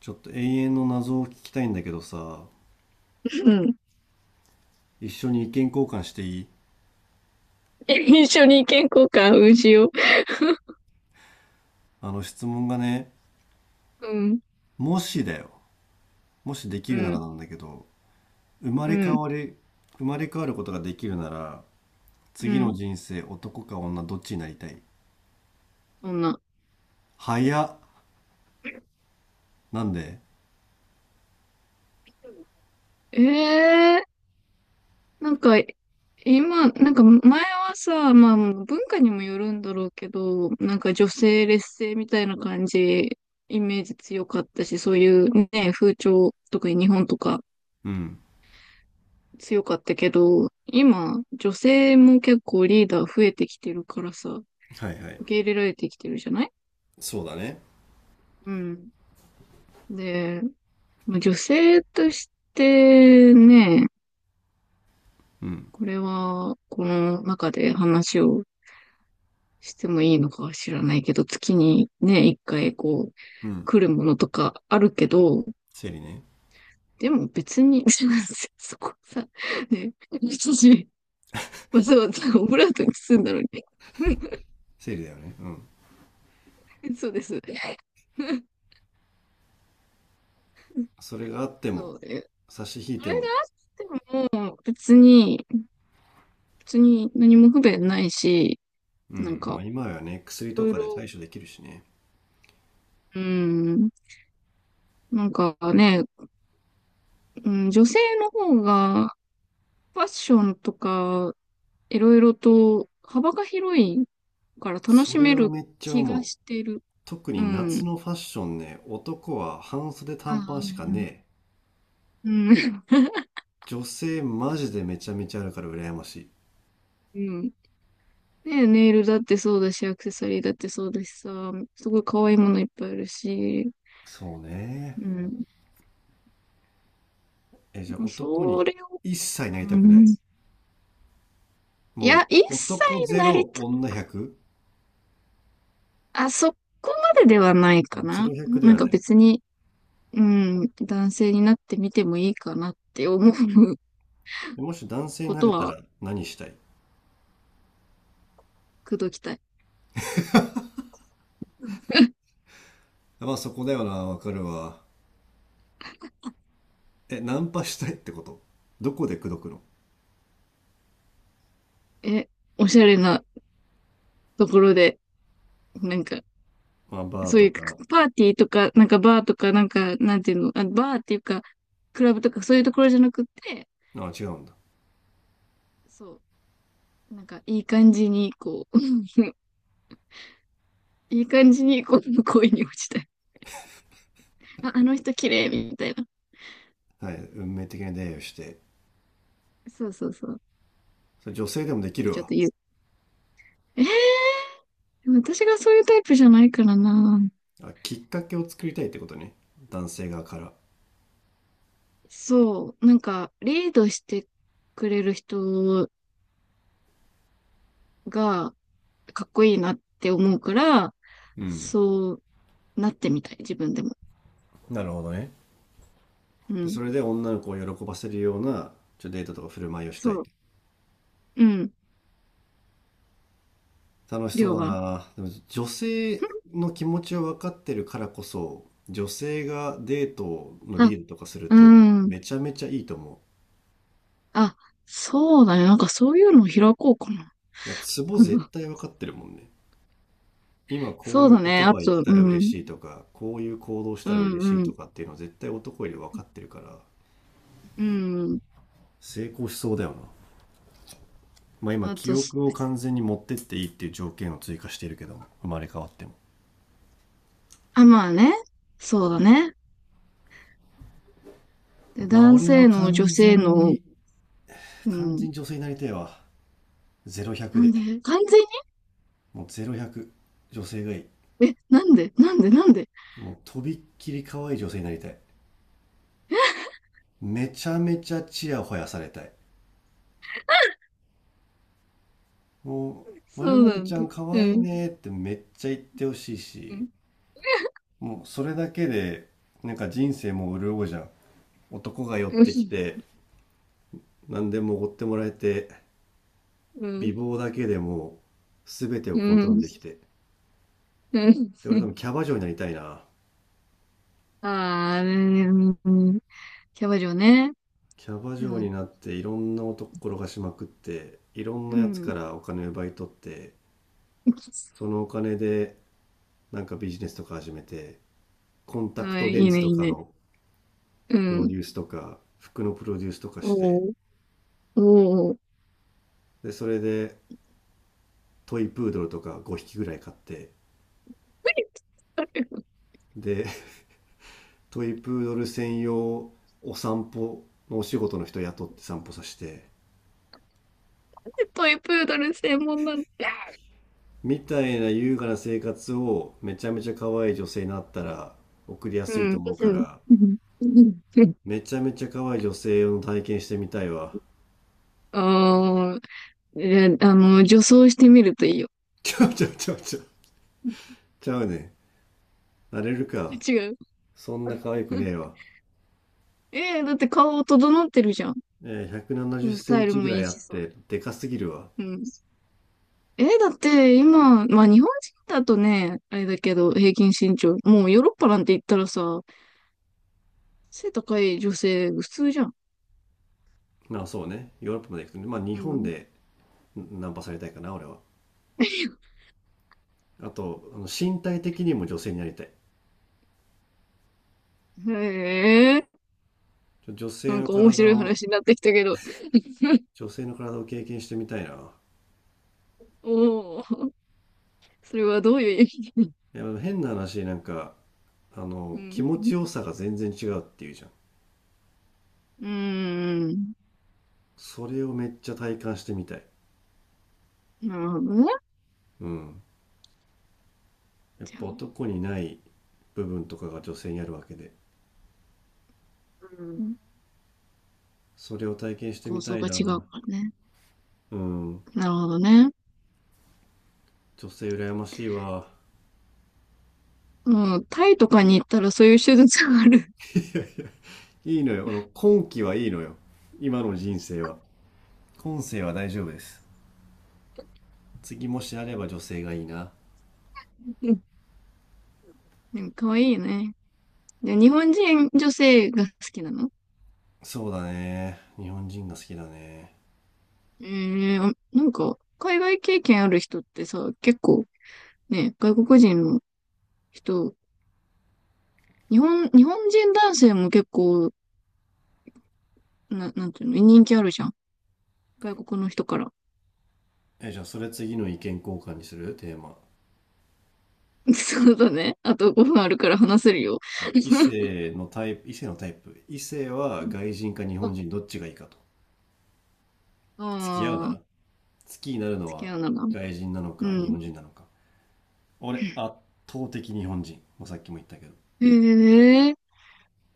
ちょっと永遠の謎を聞きたいんだけどさ、うん。一緒に意見交換していい？ 一緒に意見交換うしよう。あの質問がね、うん、もしだよ。もしできうるならん、なんだけど、生まうれ変ん、わり、生まれ変わることができるなら、う次のん。人生男か女どっちになりたい？そんな。早っ。なんで？ええー、なんか、今、なんか前はさ、まあ文化にもよるんだろうけど、なんか女性劣勢みたいな感じ、イメージ強かったし、そういうね、風潮、特に日本とかうん。強かったけど、今、女性も結構リーダー増えてきてるからさ、はいはい。受け入れられてきてるじゃない？そうだね。うん。で、まあ女性としてね、うん。これは、この中で話をしてもいいのかは知らないけど、月にね、一回こう、うん。来るものとかあるけど、生理ね。でも別に、そこさ、ね、私、わざわざオブラートに包んだのに。生理だよね。うん。そうです。それがあってそも、う。それが差し引いても、あっても、別に何も不便ないし、うなんん。まあか、今はね、い薬とろいかでろ、対処できるしね。うん、なんかね、うん、女性の方がファッションとかいろいろと幅が広いから楽そしれめはるめっちゃ気思がう。してる。特うに夏ん。のファッションね、男は半袖あ短パンしかねあ、え。うん。うん。女性マジでめちゃめちゃあるから羨ましい。うん、ねネイルだってそうだし、アクセサリーだってそうだしさ、すごい可愛いものいっぱいあるし、そうね。うん。え、じゃあ男そにれを、一切なりうたくない。ん、いや、も一う切男ゼなりロた、女100。あ、そこまでではないあ、かゼな。ロ100でなんはかない。別に、うん、男性になってみてもいいかなって思うでもし男性にこなとれたはら何したい？くどきたい。まあそこだよな、わかるわ。え、ナンパしたいってこと？どこで口説くの？え、おしゃれなところで、なんか、まあバーそうというか。パーティーとか、なんかバーとか、なんか、なんていうの、あ、バーっていうか、クラブとかそういうところじゃなくて、あ、違うんだ。そう、なんかいい感じに、こう、いい感じに、こう、恋に落ちたい。あ、あの人綺麗、みたいな。はい。運命的な出会いをして。そうそうそう。それ女性でもでっきてるちょっわ。と言う。えー、でも私がそういうタイプじゃないからな。あ、きっかけを作りたいってことね？男性側から？そう、なんか、リードしてくれる人がかっこいいなって思うから、うん。そうなってみたい、自分でも。なるほどね。うでそん。れで女の子を喜ばせるようなデートとか振る舞いをしたそい？う。うん。楽しりそうょうだは。な。でも女性の気持ちを分かってるからこそ女性がデートのあ、リードとかするうとん。めちゃめちゃいいと思あ、そうだね。なんかそういうのを開こうかな。う。いや、ツボ絶 対分かってるもんね。今こうそういうだね。言あ葉言っと、たらう嬉ん。しいとかこういう行動しうたら嬉しん、いうとん、かっていうのは絶対男より分かってるからうん。成功しそうだよな。まあ、今あ記とす、憶を完全に持ってっていいっていう条件を追加しているけども、生まれ変わっても、あ、まあね。そうだね。で、まあ男俺は性の女完性全の、にう完全ん。に女性になりたいわ。ゼロ1 0 なん0でで、完全もう0100、女性がいい。にえ、なんでなんでなんで？ もうとびっきり可愛い女性になりたい。めちゃめちゃチヤホヤされたい。も う「まそるうまなるちんゃだ。ん可う愛いん。ね」ってめっちゃ言ってほしいうし、ん。もうそれだけでなんか人生もう潤うじゃん。男が寄っうてきん。て、何でもおごってもらえて、う美ん。貌だけでも全てをうコントロールんできて。うん。で、俺多 分キャバ嬢になりたいな。ああ、うん、んキャバ嬢ね。キャバ嬢うん。になっていろんな男転がしまくって、いろんうなやつかん。らお金を奪い取って、そのお金でなんかビジネスとか始めて、コンタクあ、トいレンいズね、いといかね。のうプロデん。ュースとか、服のプロデュースとかして、おお、おお。で、それでトイプードルとか5匹ぐらい買って、で、トイプードル専用お散歩のお仕事の人雇って散歩させて、トイプードル専門なんだ。みたいな優雅な生活をめちゃめちゃ可愛い女性になったら送りやうすいとん。思うから、うん。うん。めちゃめちゃ可愛い女性を体験してみたいわ。ああ、え、女装してみるといいよ。ちゃうちゃうちゃうちゃう。ちゃうね。なれるか。違う。そんな可愛くねえわ。えー、だって顔整ってるじゃん。えー、170セうん、スンタイルチもぐらいいいあっしさ。て、でかすぎるわ。うん。え、だって今、まあ日本人だとね、あれだけど、平均身長、もうヨーロッパなんて言ったらさ、背高い女性普通じゃん。まあそうね。ヨーロッパまで行くとね。まあ日う本ん。でナンパされたいかな、俺は。あと、身体的にも女性になりたい。へえ、ちょ女性なんのか面体白いを、話になってきたけど、女性の体を経験してみたいな。おお、それはどういう意味？いや、変な話、なんか、あうの気ん。持ちよさが全然違うっていうじゃん。うーん。それをめっちゃ体感してみたい。なるほどね。うん。やっじゃあ、ぱ男にない部分とかが女性にあるわけで、うん。それを体験して構みた造いがな。違うからね。うん。なるほどね。女性羨ましいわ。もう、タイとかに行ったらそういう手術がある。い いいのよ。今期はいいのよ。今の人生は。今世は大丈夫です。次もしあれば女性がいいな。うん。でも可愛いいよね。で、日本人女性が好きなの？そうだね、日本人が好きだね。ええ、あ、なんか、海外経験ある人ってさ、結構ね、外国人の人、日本人男性も結構、なんていうの、人気あるじゃん。外国の人から。え、じゃあそれ次の意見交換にするテーマ？ そうだね。あと5分あるから話せるよ。そう、異 性のタイプ、異性のタイプ。異性は外人か日本人あどっちがいいかと。あ付き合うなら。ー、好きになるの付きは合うなら。外人なのうか日ん。本人なのか。俺、圧倒的日本人。もうさっきも言ったけど。へえ、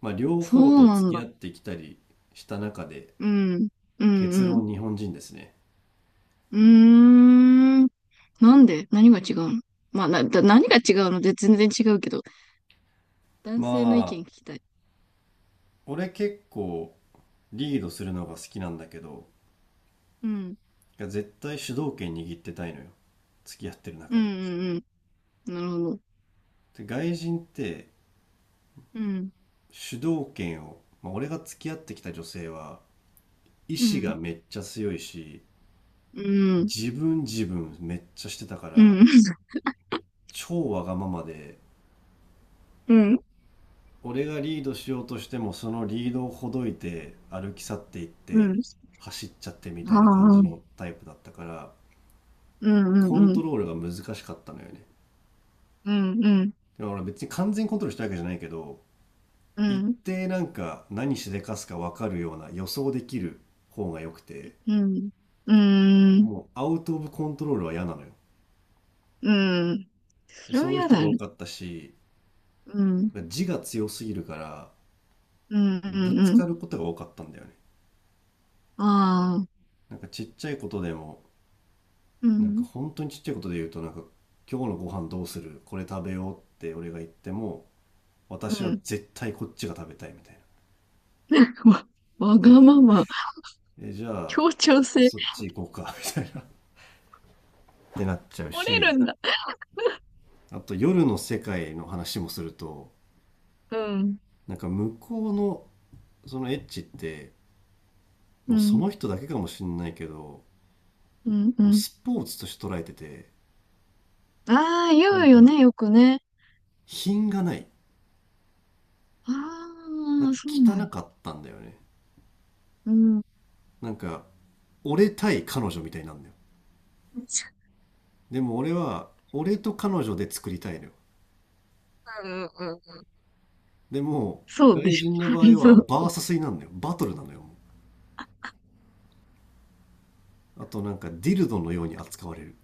まあ、両そ方うとな付んきだ。合ってきたりした中で、うん。うん、結うん。論日本人ですね。うーん。なんで何が違うの？まあ、何が違うので全然違うけど、男ま性の意あ、見聞きたい。俺結構リードするのが好きなんだけど、うん。いや絶対主導権握ってたいのよ。付き合ってるう中んで。うんうん。なるほど。で、外人ってうん。主導権を、まあ、俺が付き合ってきた女性は、意う志がん。めっちゃ強いし、うん。自分自分めっちゃしてたかうら、ん。超わがままで、うん。俺がリードしようとしてもそのリードをほどいて歩き去っていっうてん。走っちゃってみたあいな感じあ。のタイプだったから、うんうんコンうトん。ロールが難しかったのよね。うんうん。でも俺別に完全にコントロールしたわけじゃないけど、う一ん。定なんか何しでかすか分かるような予想できる方が良くて、うん。うん。もうアウト・オブ・コントロールは嫌なのよ。うん。そでれはそういう嫌人だが多ね。かったし、うん。自我強すぎるからうんうんぶつうん。かることが多かったんだよね。ああ。なんかちっちゃいことでも、うなんかん。本当にちっちゃいことで言うと、なんか今日のご飯どうするこれ食べようって俺が言っても、う私はん。絶対こっちが食べたいみたいな。わ、わがえ、まま。えじゃあ協調性。そっち行こうか、みたいな。ってなっちゃう折れし、るんだ。あと夜の世界の話もすると、うん。なんか向こうのそのエッチって、もううそん。の人だけかもしんないけど、うんうもうん。スポーツとして捉えてて、ああ、言なんうよかね、よくね。品がない。あなんあ、かそうな汚んだ。かったんだよね。うん。うなんか俺対彼女みたいになるんだよ。でも俺は俺と彼女で作りたいのよ。んでもそうで外しょ。人の場 合そはう。バーサスになるのよ、バトルなのよ、もう。あとなんかディルドのように扱われる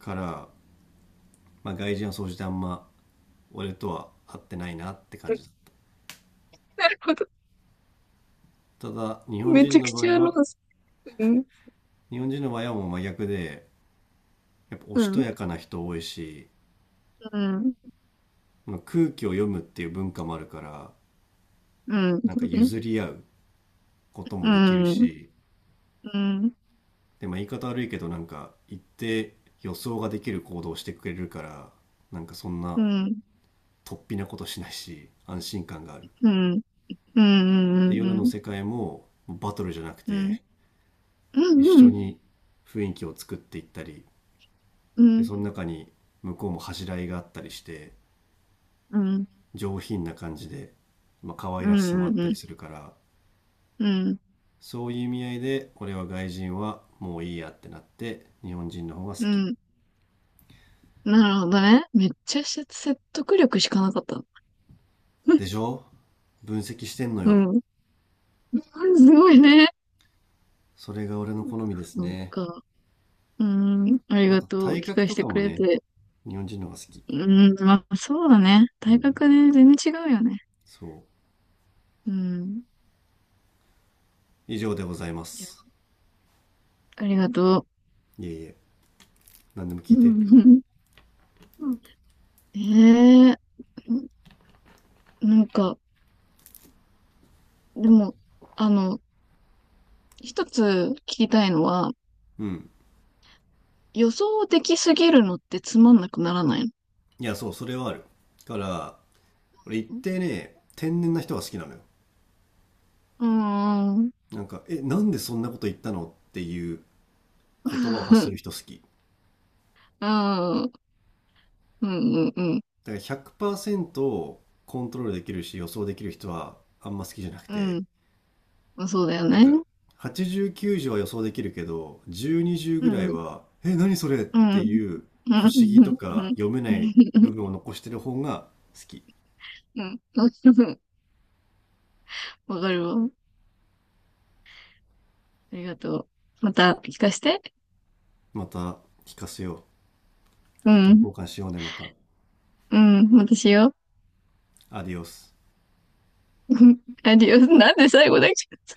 から、まあ、外人は総じてあんま俺とは合ってないなって感じだ。なるほど。ただ日本め人ちゃくの場ち合ゃあの、はうん、もう真逆で、やっぱおうしとん、やかな人多いし、うん、まあ空気を読むっていう文化もあるから、うん、なんそかうね。譲り合うことうもできるん、うん、し、うん、でまあ言い方悪いけどなんか一定予想ができる行動をしてくれるから、なんかそんうなん、突飛なことしないし安心感がある。うん、うん、うでん、夜のうん、世界もバトルじゃなくうん、て、一う緒ん、に雰囲気を作っていったり、うん、うでん、その中に向こうも恥じらいがあったりして、うん、上品な感じで、まあ、可愛らしさもあったりするから、うん、そういう意味合いで俺は外人はもういいやってなって日本人の方が好うき。ん、なるほどね。めっちゃ説得力しかなかった。でしょ？分析してんのうよ。ん。すごいね。それが俺の好みですそうね。か。うん。ありまがたとう。体聞格かせとてかくもれね、て。日本人の方が好き。うん。まあ、そうだね。う大ん。学で全然違うよね。そう。うん。以上でございまじゃす。あ、ありがといえいえ。何でもう。聞いうて。ん、うん、ええ、なんか、でも、あの、一つ聞きたいのは、うん。予想できすぎるのってつまんなくならないの？いや、そう、それはある。だから、俺一定ね、天然な人が好きなのよ。うーん、なんか、え、なんでそんなこと言ったのっていう言葉を 発すうる人好き。ーん、うん、うん、うん、だから100%コントロールできるし予想できる人はあんま好きじゃなくうて、ん、うん、そうだよなんかね。80、90は予想できるけど、10、20うぐらん、いうん、は、え、何それっうん、てうん、いう不う思議とん、うかん、読めない部分を残してる方が好き。うん。 わかるわ。ありがとう。また聞かして。また聞かせようう。意見交ん、換しようね、また。うん、またしよう。アディオス。アディオス。なんで最後だっけ？